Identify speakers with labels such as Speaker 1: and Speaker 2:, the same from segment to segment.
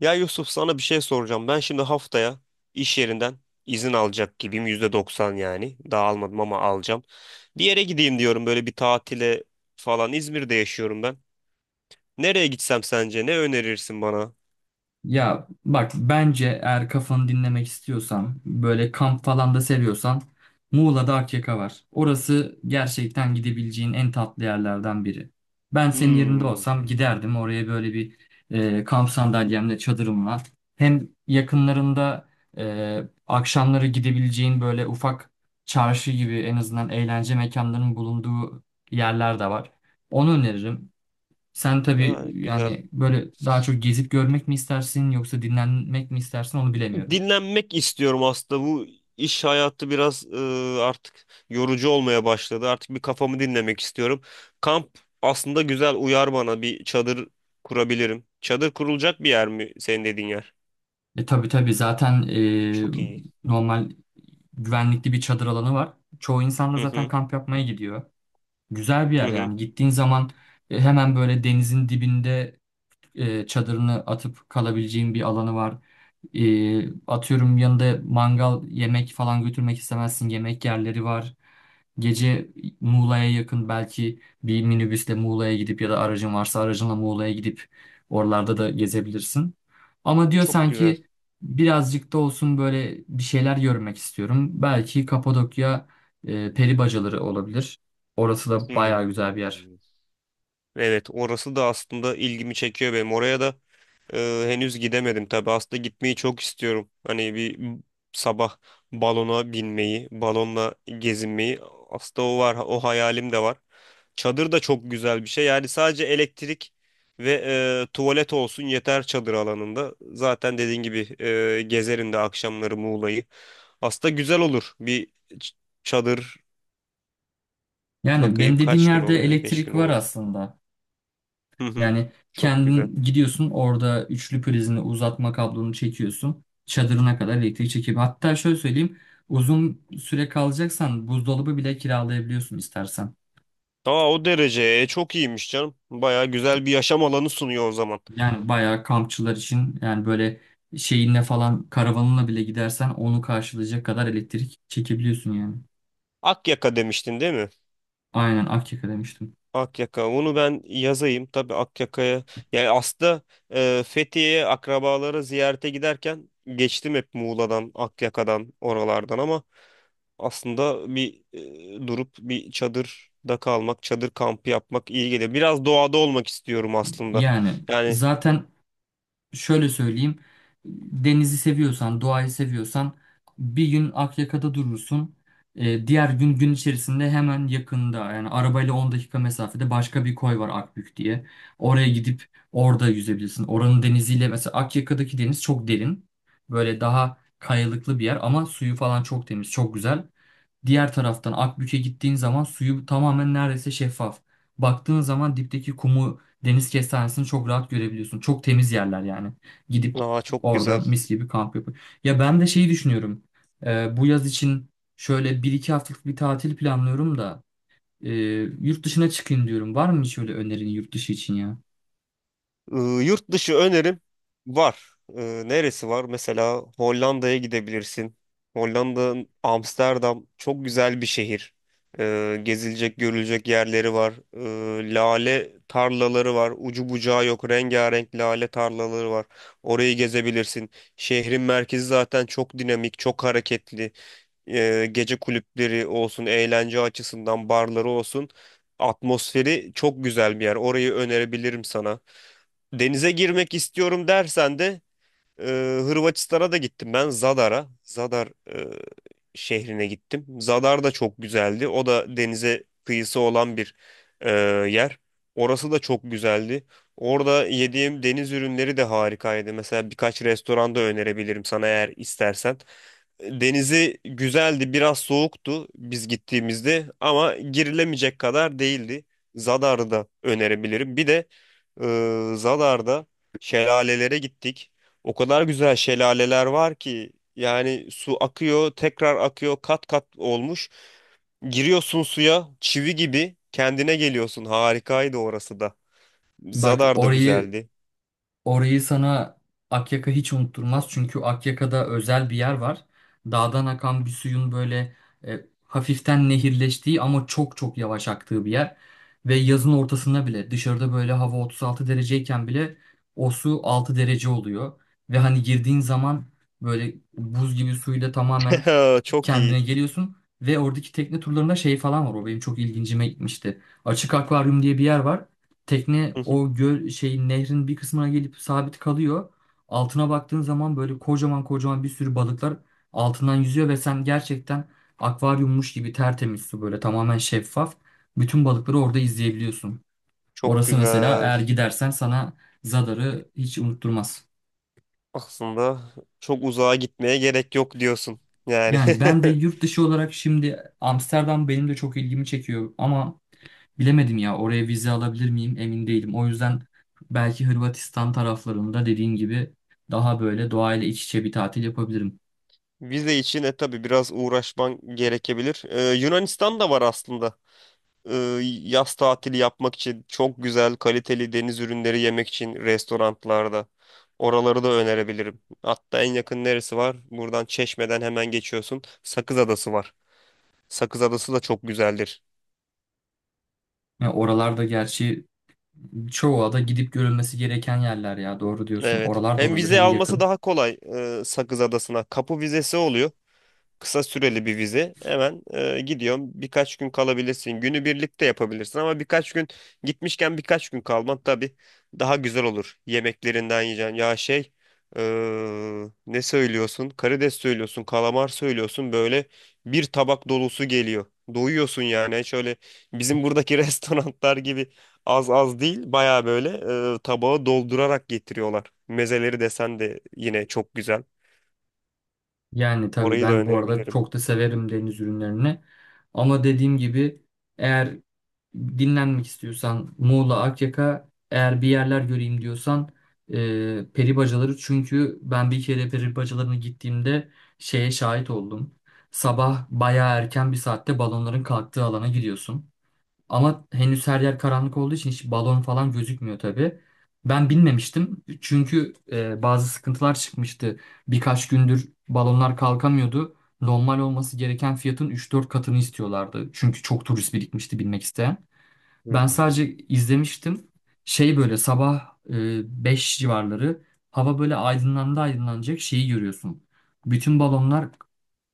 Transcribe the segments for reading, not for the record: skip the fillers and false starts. Speaker 1: Ya Yusuf sana bir şey soracağım. Ben şimdi haftaya iş yerinden izin alacak gibiyim. %90 yani. Daha almadım ama alacağım. Bir yere gideyim diyorum böyle bir tatile falan. İzmir'de yaşıyorum ben. Nereye gitsem sence? Ne önerirsin bana?
Speaker 2: Ya bak bence eğer kafanı dinlemek istiyorsan böyle kamp falan da seviyorsan Muğla'da Akyaka var. Orası gerçekten gidebileceğin en tatlı yerlerden biri. Ben senin yerinde
Speaker 1: Hmm.
Speaker 2: olsam giderdim oraya böyle bir kamp sandalyemle çadırımla. Hem yakınlarında akşamları gidebileceğin böyle ufak çarşı gibi en azından eğlence mekanlarının bulunduğu yerler de var. Onu öneririm. Sen
Speaker 1: Ha,
Speaker 2: tabii
Speaker 1: güzel.
Speaker 2: yani böyle daha çok gezip görmek mi istersin yoksa dinlenmek mi istersin onu bilemiyorum.
Speaker 1: Dinlenmek istiyorum aslında. Bu iş hayatı biraz artık yorucu olmaya başladı. Artık bir kafamı dinlemek istiyorum. Kamp aslında güzel uyar bana. Bir çadır kurabilirim. Çadır kurulacak bir yer mi senin dediğin yer?
Speaker 2: E tabii tabii zaten
Speaker 1: Çok iyi.
Speaker 2: normal güvenlikli bir çadır alanı var. Çoğu insan da
Speaker 1: Hı
Speaker 2: zaten
Speaker 1: hı.
Speaker 2: kamp yapmaya gidiyor. Güzel bir
Speaker 1: Hı
Speaker 2: yer
Speaker 1: hı.
Speaker 2: yani gittiğin zaman hemen böyle denizin dibinde çadırını atıp kalabileceğin bir alanı var. Atıyorum yanında mangal yemek falan götürmek istemezsin yemek yerleri var. Gece Muğla'ya yakın belki bir minibüsle Muğla'ya gidip ya da aracın varsa aracınla Muğla'ya gidip oralarda da gezebilirsin. Ama diyor
Speaker 1: Çok güzel.
Speaker 2: sanki birazcık da olsun böyle bir şeyler görmek istiyorum. Belki Kapadokya peri bacaları olabilir. Orası da bayağı güzel bir
Speaker 1: Hmm.
Speaker 2: yer.
Speaker 1: Evet, orası da aslında ilgimi çekiyor benim. Oraya da henüz gidemedim tabii. Aslında gitmeyi çok istiyorum. Hani sabah balona binmeyi, balonla gezinmeyi. Aslında o var, o hayalim de var. Çadır da çok güzel bir şey. Yani sadece elektrik ve tuvalet olsun yeter çadır alanında. Zaten dediğin gibi gezerim de akşamları Muğla'yı. Aslında güzel olur çadır.
Speaker 2: Yani
Speaker 1: Bakayım
Speaker 2: benim dediğim
Speaker 1: kaç gün
Speaker 2: yerde
Speaker 1: olabilir? 5
Speaker 2: elektrik
Speaker 1: gün
Speaker 2: var
Speaker 1: olur.
Speaker 2: aslında.
Speaker 1: Hı hı.
Speaker 2: Yani
Speaker 1: Çok güzel.
Speaker 2: kendin gidiyorsun orada üçlü prizini uzatma kablonu çekiyorsun. Çadırına kadar elektrik çekip hatta şöyle söyleyeyim uzun süre kalacaksan buzdolabı bile kiralayabiliyorsun istersen.
Speaker 1: Aa, o derece. Çok iyiymiş canım. Baya güzel bir yaşam alanı sunuyor o zaman.
Speaker 2: Yani bayağı kampçılar için yani böyle şeyinle falan karavanınla bile gidersen onu karşılayacak kadar elektrik çekebiliyorsun yani.
Speaker 1: Akyaka demiştin değil mi?
Speaker 2: Aynen Akyaka demiştim.
Speaker 1: Akyaka. Onu ben yazayım. Tabii Akyaka'ya. Yani aslında Fethiye'ye akrabalara ziyarete giderken geçtim hep Muğla'dan, Akyaka'dan, oralardan ama aslında durup bir çadırda kalmak, çadır kampı yapmak iyi geliyor. Biraz doğada olmak istiyorum aslında.
Speaker 2: Yani
Speaker 1: Yani
Speaker 2: zaten şöyle söyleyeyim. Denizi seviyorsan, doğayı seviyorsan bir gün Akyaka'da durursun. Diğer gün gün içerisinde hemen yakında yani arabayla 10 dakika mesafede başka bir koy var Akbük diye. Oraya gidip orada yüzebilirsin. Oranın deniziyle mesela Akyaka'daki deniz çok derin. Böyle daha kayalıklı bir yer ama suyu falan çok temiz, çok güzel. Diğer taraftan Akbük'e gittiğin zaman suyu tamamen neredeyse şeffaf. Baktığın zaman dipteki kumu deniz kestanesini çok rahat görebiliyorsun. Çok temiz yerler yani. Gidip
Speaker 1: aa, çok
Speaker 2: orada
Speaker 1: güzel.
Speaker 2: mis gibi kamp yapıp. Ya ben de şeyi düşünüyorum. Bu yaz için şöyle bir 2 haftalık bir tatil planlıyorum da e, yurt dışına çıkayım diyorum. Var mı hiç öyle önerin yurt dışı için ya?
Speaker 1: Ee, Yurt dışı önerim var. Neresi var? Mesela Hollanda'ya gidebilirsin. Hollanda, Amsterdam çok güzel bir şehir. Gezilecek, görülecek yerleri var. Lale tarlaları var. Ucu bucağı yok. Rengarenk lale tarlaları var. Orayı gezebilirsin. Şehrin merkezi zaten çok dinamik, çok hareketli, gece kulüpleri olsun, eğlence açısından barları olsun, atmosferi çok güzel bir yer. Orayı önerebilirim sana. Denize girmek istiyorum dersen de ee, Hırvatistan'a da gittim ben Zadar'a. Zadar e, şehrine gittim. Zadar da çok güzeldi. O da denize kıyısı olan bir e, yer. Orası da çok güzeldi. Orada yediğim deniz ürünleri de harikaydı. Mesela birkaç restoranda önerebilirim sana eğer istersen. Denizi güzeldi, biraz soğuktu biz gittiğimizde ama girilemeyecek kadar değildi. Zadar'ı da önerebilirim. Bir de Zadar'da şelalelere gittik. O kadar güzel şelaleler var ki yani su akıyor, tekrar akıyor, kat kat olmuş. Giriyorsun suya, çivi gibi kendine geliyorsun. Harikaydı orası da.
Speaker 2: Bak
Speaker 1: Zadar da
Speaker 2: orayı
Speaker 1: güzeldi.
Speaker 2: Orayı sana Akyaka hiç unutturmaz. Çünkü Akyaka'da özel bir yer var. Dağdan akan bir suyun böyle hafiften nehirleştiği ama çok çok yavaş aktığı bir yer. Ve yazın ortasında bile dışarıda böyle hava 36 dereceyken bile o su 6 derece oluyor. Ve hani girdiğin zaman böyle buz gibi suyla tamamen
Speaker 1: Çok
Speaker 2: kendine
Speaker 1: iyi.
Speaker 2: geliyorsun. Ve oradaki tekne turlarında şey falan var. O benim çok ilgincime gitmişti. Açık akvaryum diye bir yer var. Tekne
Speaker 1: Hı hı.
Speaker 2: o göl şeyin nehrin bir kısmına gelip sabit kalıyor. Altına baktığın zaman böyle kocaman kocaman bir sürü balıklar altından yüzüyor ve sen gerçekten akvaryummuş gibi tertemiz su böyle tamamen şeffaf. Bütün balıkları orada izleyebiliyorsun.
Speaker 1: Çok
Speaker 2: Orası mesela
Speaker 1: güzel.
Speaker 2: eğer gidersen sana Zadar'ı hiç unutturmaz.
Speaker 1: Aslında çok uzağa gitmeye gerek yok diyorsun. Yani
Speaker 2: Yani ben de yurt dışı olarak şimdi Amsterdam benim de çok ilgimi çekiyor ama bilemedim ya oraya vize alabilir miyim emin değilim. O yüzden belki Hırvatistan taraflarında dediğin gibi daha böyle doğayla iç içe bir tatil yapabilirim.
Speaker 1: vize için e tabii biraz uğraşman gerekebilir. Yunanistan da var aslında. e, Yaz tatili yapmak için çok güzel, kaliteli deniz ürünleri yemek için restoranlarda. Oraları da önerebilirim. Hatta en yakın neresi var? Buradan Çeşme'den hemen geçiyorsun. Sakız Adası var. Sakız Adası da çok güzeldir.
Speaker 2: Ya oralarda gerçi çoğu ada gidip görülmesi gereken yerler ya doğru diyorsun.
Speaker 1: Evet.
Speaker 2: Oralar da
Speaker 1: Hem
Speaker 2: olabilir
Speaker 1: vize
Speaker 2: hem
Speaker 1: alması
Speaker 2: yakın.
Speaker 1: daha kolay Sakız Adası'na. Kapı vizesi oluyor, kısa süreli bir vize. Hemen gidiyorum. Birkaç gün kalabilirsin. Günü birlikte yapabilirsin ama birkaç gün gitmişken birkaç gün kalman tabii daha güzel olur. Yemeklerinden yiyeceksin. Ya şey, e, ne söylüyorsun? Karides söylüyorsun, kalamar söylüyorsun. Böyle bir tabak dolusu geliyor. Doyuyorsun yani. Hiç öyle bizim buradaki restoranlar gibi az az değil. Baya böyle tabağı doldurarak getiriyorlar. Mezeleri desen de yine çok güzel.
Speaker 2: Yani tabii
Speaker 1: Orayı da
Speaker 2: ben bu arada
Speaker 1: önerebilirim.
Speaker 2: çok da severim deniz ürünlerini. Ama dediğim gibi eğer dinlenmek istiyorsan Muğla, Akyaka eğer bir yerler göreyim diyorsan e, peri çünkü ben bir kere peri gittiğimde şeye şahit oldum. Sabah bayağı erken bir saatte balonların kalktığı alana gidiyorsun. Ama henüz her yer karanlık olduğu için hiç balon falan gözükmüyor tabii. Ben bilmemiştim çünkü bazı sıkıntılar çıkmıştı. Birkaç gündür balonlar kalkamıyordu. Normal olması gereken fiyatın üç dört katını istiyorlardı. Çünkü çok turist birikmişti binmek isteyen. Ben sadece
Speaker 1: Hmm.
Speaker 2: izlemiştim. Şey böyle sabah 5 civarları hava böyle aydınlandı aydınlanacak şeyi görüyorsun. Bütün balonlar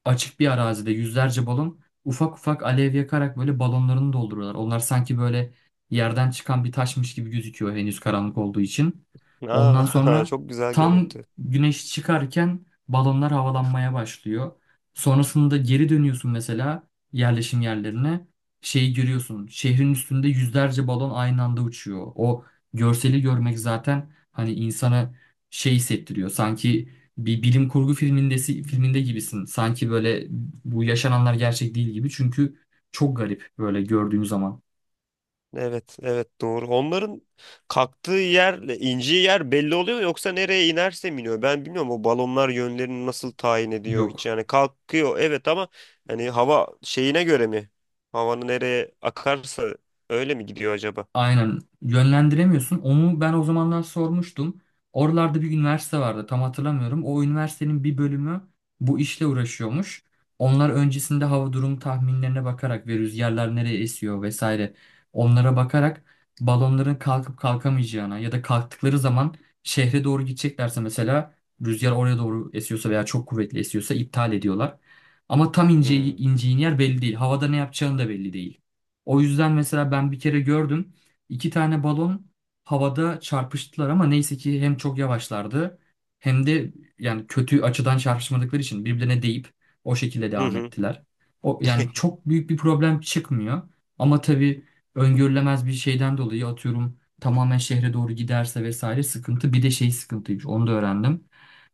Speaker 2: açık bir arazide yüzlerce balon ufak ufak alev yakarak böyle balonlarını dolduruyorlar. Onlar sanki böyle yerden çıkan bir taşmış gibi gözüküyor henüz karanlık olduğu için. Ondan
Speaker 1: Aa,
Speaker 2: sonra
Speaker 1: çok güzel
Speaker 2: tam
Speaker 1: görüntü.
Speaker 2: güneş çıkarken balonlar havalanmaya başlıyor. Sonrasında geri dönüyorsun mesela yerleşim yerlerine şeyi görüyorsun. Şehrin üstünde yüzlerce balon aynı anda uçuyor. O görseli görmek zaten hani insana şey hissettiriyor. Sanki bir bilim kurgu filminde gibisin. Sanki böyle bu yaşananlar gerçek değil gibi. Çünkü çok garip böyle gördüğün zaman.
Speaker 1: Evet, evet, doğru. Onların kalktığı yerle indiği yer belli oluyor mu, yoksa nereye inerse mi iniyor? Ben bilmiyorum o balonlar yönlerini nasıl tayin ediyor hiç.
Speaker 2: Yok.
Speaker 1: Yani kalkıyor evet ama hani hava şeyine göre mi? Havanın nereye akarsa öyle mi gidiyor acaba?
Speaker 2: Aynen yönlendiremiyorsun. Onu ben o zamanlar sormuştum. Oralarda bir üniversite vardı tam hatırlamıyorum. O üniversitenin bir bölümü bu işle uğraşıyormuş. Onlar öncesinde hava durum tahminlerine bakarak ve rüzgarlar nereye esiyor vesaire onlara bakarak balonların kalkıp kalkamayacağına ya da kalktıkları zaman şehre doğru gideceklerse mesela rüzgar oraya doğru esiyorsa veya çok kuvvetli esiyorsa iptal ediyorlar. Ama tam
Speaker 1: Hmm.
Speaker 2: ineceğin yer belli değil. Havada ne yapacağını da belli değil. O yüzden mesela ben bir kere gördüm. 2 tane balon havada çarpıştılar ama neyse ki hem çok yavaşlardı hem de yani kötü açıdan çarpışmadıkları için birbirine değip o şekilde
Speaker 1: Hı
Speaker 2: devam
Speaker 1: hı.
Speaker 2: ettiler. O yani çok büyük bir problem çıkmıyor ama tabii öngörülemez bir şeyden dolayı atıyorum tamamen şehre doğru giderse vesaire sıkıntı. Bir de şey sıkıntıymış onu da öğrendim.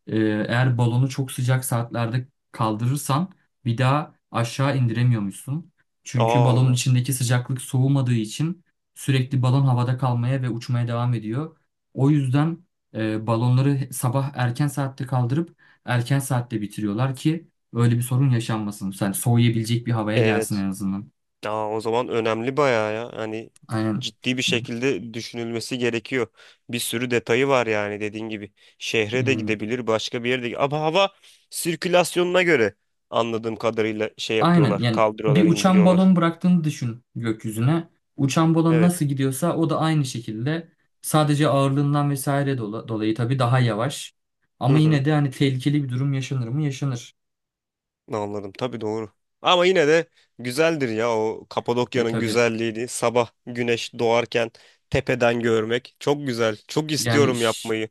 Speaker 2: Ee, Eğer balonu çok sıcak saatlerde kaldırırsan bir daha aşağı indiremiyormuşsun. Çünkü balonun
Speaker 1: Aa,
Speaker 2: içindeki sıcaklık soğumadığı için sürekli balon havada kalmaya ve uçmaya devam ediyor. O yüzden balonları sabah erken saatte kaldırıp erken saatte bitiriyorlar ki öyle bir sorun yaşanmasın. Yani soğuyabilecek bir havaya gelsin
Speaker 1: evet.
Speaker 2: en azından.
Speaker 1: Aa, o zaman önemli bayağı ya. Hani
Speaker 2: Aynen.
Speaker 1: ciddi bir şekilde düşünülmesi gerekiyor. Bir sürü detayı var yani dediğin gibi. Şehre de
Speaker 2: Yani.
Speaker 1: gidebilir, başka bir yere de. Ama hava sirkülasyonuna göre anladığım kadarıyla şey
Speaker 2: Aynen
Speaker 1: yapıyorlar.
Speaker 2: yani bir
Speaker 1: Kaldırıyorlar,
Speaker 2: uçan
Speaker 1: indiriyorlar.
Speaker 2: balon bıraktığını düşün gökyüzüne. Uçan balon nasıl
Speaker 1: Evet.
Speaker 2: gidiyorsa o da aynı şekilde sadece ağırlığından vesaire dolayı tabii daha yavaş.
Speaker 1: Hı
Speaker 2: Ama
Speaker 1: hı.
Speaker 2: yine de hani tehlikeli bir durum yaşanır mı? Yaşanır.
Speaker 1: Anladım. Tabii, doğru. Ama yine de güzeldir ya, o
Speaker 2: E
Speaker 1: Kapadokya'nın
Speaker 2: tabii.
Speaker 1: güzelliğini sabah güneş doğarken tepeden görmek çok güzel. Çok
Speaker 2: Yani
Speaker 1: istiyorum yapmayı.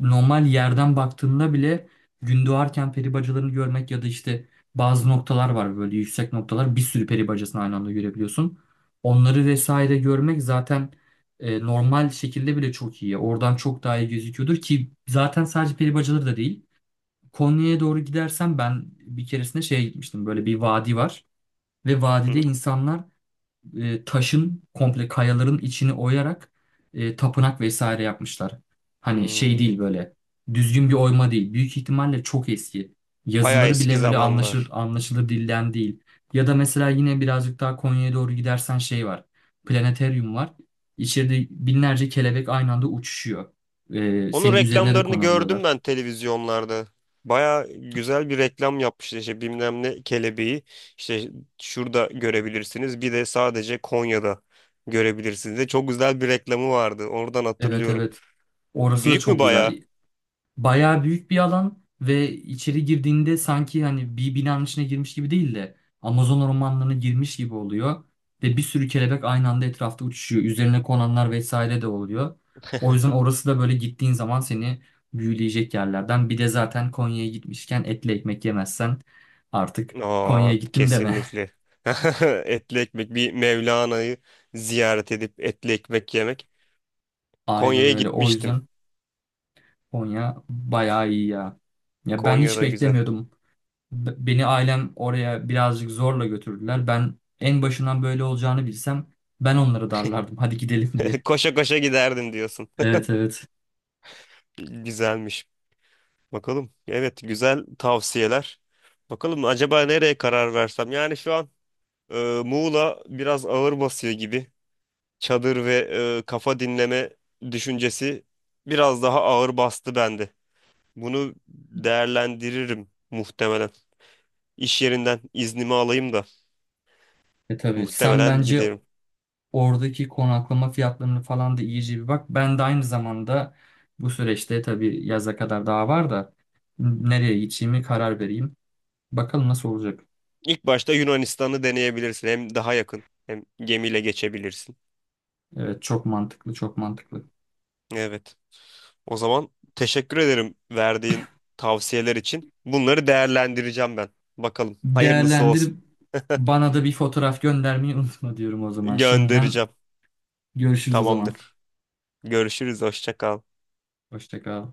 Speaker 2: normal yerden baktığında bile doğarken peri bacalarını görmek ya da işte bazı noktalar var böyle yüksek noktalar bir sürü peri bacasını aynı anda görebiliyorsun. Onları vesaire görmek zaten normal şekilde bile çok iyi. Oradan çok daha iyi gözüküyordur ki zaten sadece peri bacaları da değil. Konya'ya doğru gidersen ben bir keresinde şeye gitmiştim. Böyle bir vadi var ve
Speaker 1: Hı
Speaker 2: vadide
Speaker 1: hı.
Speaker 2: insanlar taşın komple kayaların içini oyarak tapınak vesaire yapmışlar. Hani şey değil
Speaker 1: Hmm.
Speaker 2: böyle düzgün bir oyma değil. Büyük ihtimalle çok eski.
Speaker 1: Bayağı
Speaker 2: Yazıları
Speaker 1: eski
Speaker 2: bile böyle
Speaker 1: zamanlar.
Speaker 2: anlaşılır dilden değil. Ya da mesela yine birazcık daha Konya'ya doğru gidersen şey var. Planetaryum var. İçeride binlerce kelebek aynı anda uçuşuyor.
Speaker 1: Onun
Speaker 2: Senin üzerine de
Speaker 1: reklamlarını gördüm
Speaker 2: konabiliyorlar.
Speaker 1: ben televizyonlarda. Baya güzel bir reklam yapmışlar, işte bilmem ne kelebeği işte şurada görebilirsiniz, bir de sadece Konya'da görebilirsiniz, de çok güzel bir reklamı vardı, oradan
Speaker 2: Evet
Speaker 1: hatırlıyorum.
Speaker 2: evet. Orası da
Speaker 1: Büyük mü
Speaker 2: çok
Speaker 1: baya?
Speaker 2: güzel. Bayağı büyük bir alan ve içeri girdiğinde sanki hani bir binanın içine girmiş gibi değil de Amazon ormanlarına girmiş gibi oluyor. Ve bir sürü kelebek aynı anda etrafta uçuşuyor. Üzerine konanlar vesaire de oluyor. O yüzden orası da böyle gittiğin zaman seni büyüleyecek yerlerden. Bir de zaten Konya'ya gitmişken etli ekmek yemezsen artık
Speaker 1: Aa,
Speaker 2: Konya'ya gittim deme.
Speaker 1: kesinlikle. Etli ekmek bir, Mevlana'yı ziyaret edip etli ekmek yemek.
Speaker 2: Aynen
Speaker 1: Konya'ya
Speaker 2: öyle. O
Speaker 1: gitmiştim.
Speaker 2: yüzden Konya bayağı iyi ya. Ya ben hiç
Speaker 1: Konya'da güzel.
Speaker 2: beklemiyordum. Beni ailem oraya birazcık zorla götürdüler. Ben en başından böyle olacağını bilsem ben onları darlardım. Hadi gidelim diye.
Speaker 1: Koşa koşa giderdim diyorsun.
Speaker 2: Evet evet.
Speaker 1: Güzelmiş. Bakalım. Evet, güzel tavsiyeler. Bakalım acaba nereye karar versem? Yani şu an Muğla biraz ağır basıyor gibi. Çadır ve kafa dinleme düşüncesi biraz daha ağır bastı bende. Bunu değerlendiririm muhtemelen. İş yerinden iznimi alayım da
Speaker 2: E tabii sen
Speaker 1: muhtemelen
Speaker 2: bence
Speaker 1: giderim.
Speaker 2: oradaki konaklama fiyatlarını falan da iyice bir bak. Ben de aynı zamanda bu süreçte tabii yaza kadar daha var da nereye gideceğimi karar vereyim. Bakalım nasıl olacak.
Speaker 1: İlk başta Yunanistan'ı deneyebilirsin. Hem daha yakın hem gemiyle geçebilirsin.
Speaker 2: Evet çok mantıklı çok mantıklı.
Speaker 1: Evet. O zaman teşekkür ederim verdiğin tavsiyeler için. Bunları değerlendireceğim ben. Bakalım, hayırlısı
Speaker 2: Değerlendir
Speaker 1: olsun.
Speaker 2: bana da bir fotoğraf göndermeyi unutma diyorum o zaman. Şimdiden
Speaker 1: Göndereceğim.
Speaker 2: görüşürüz o zaman.
Speaker 1: Tamamdır. Görüşürüz. Hoşça kal.
Speaker 2: Hoşça kal.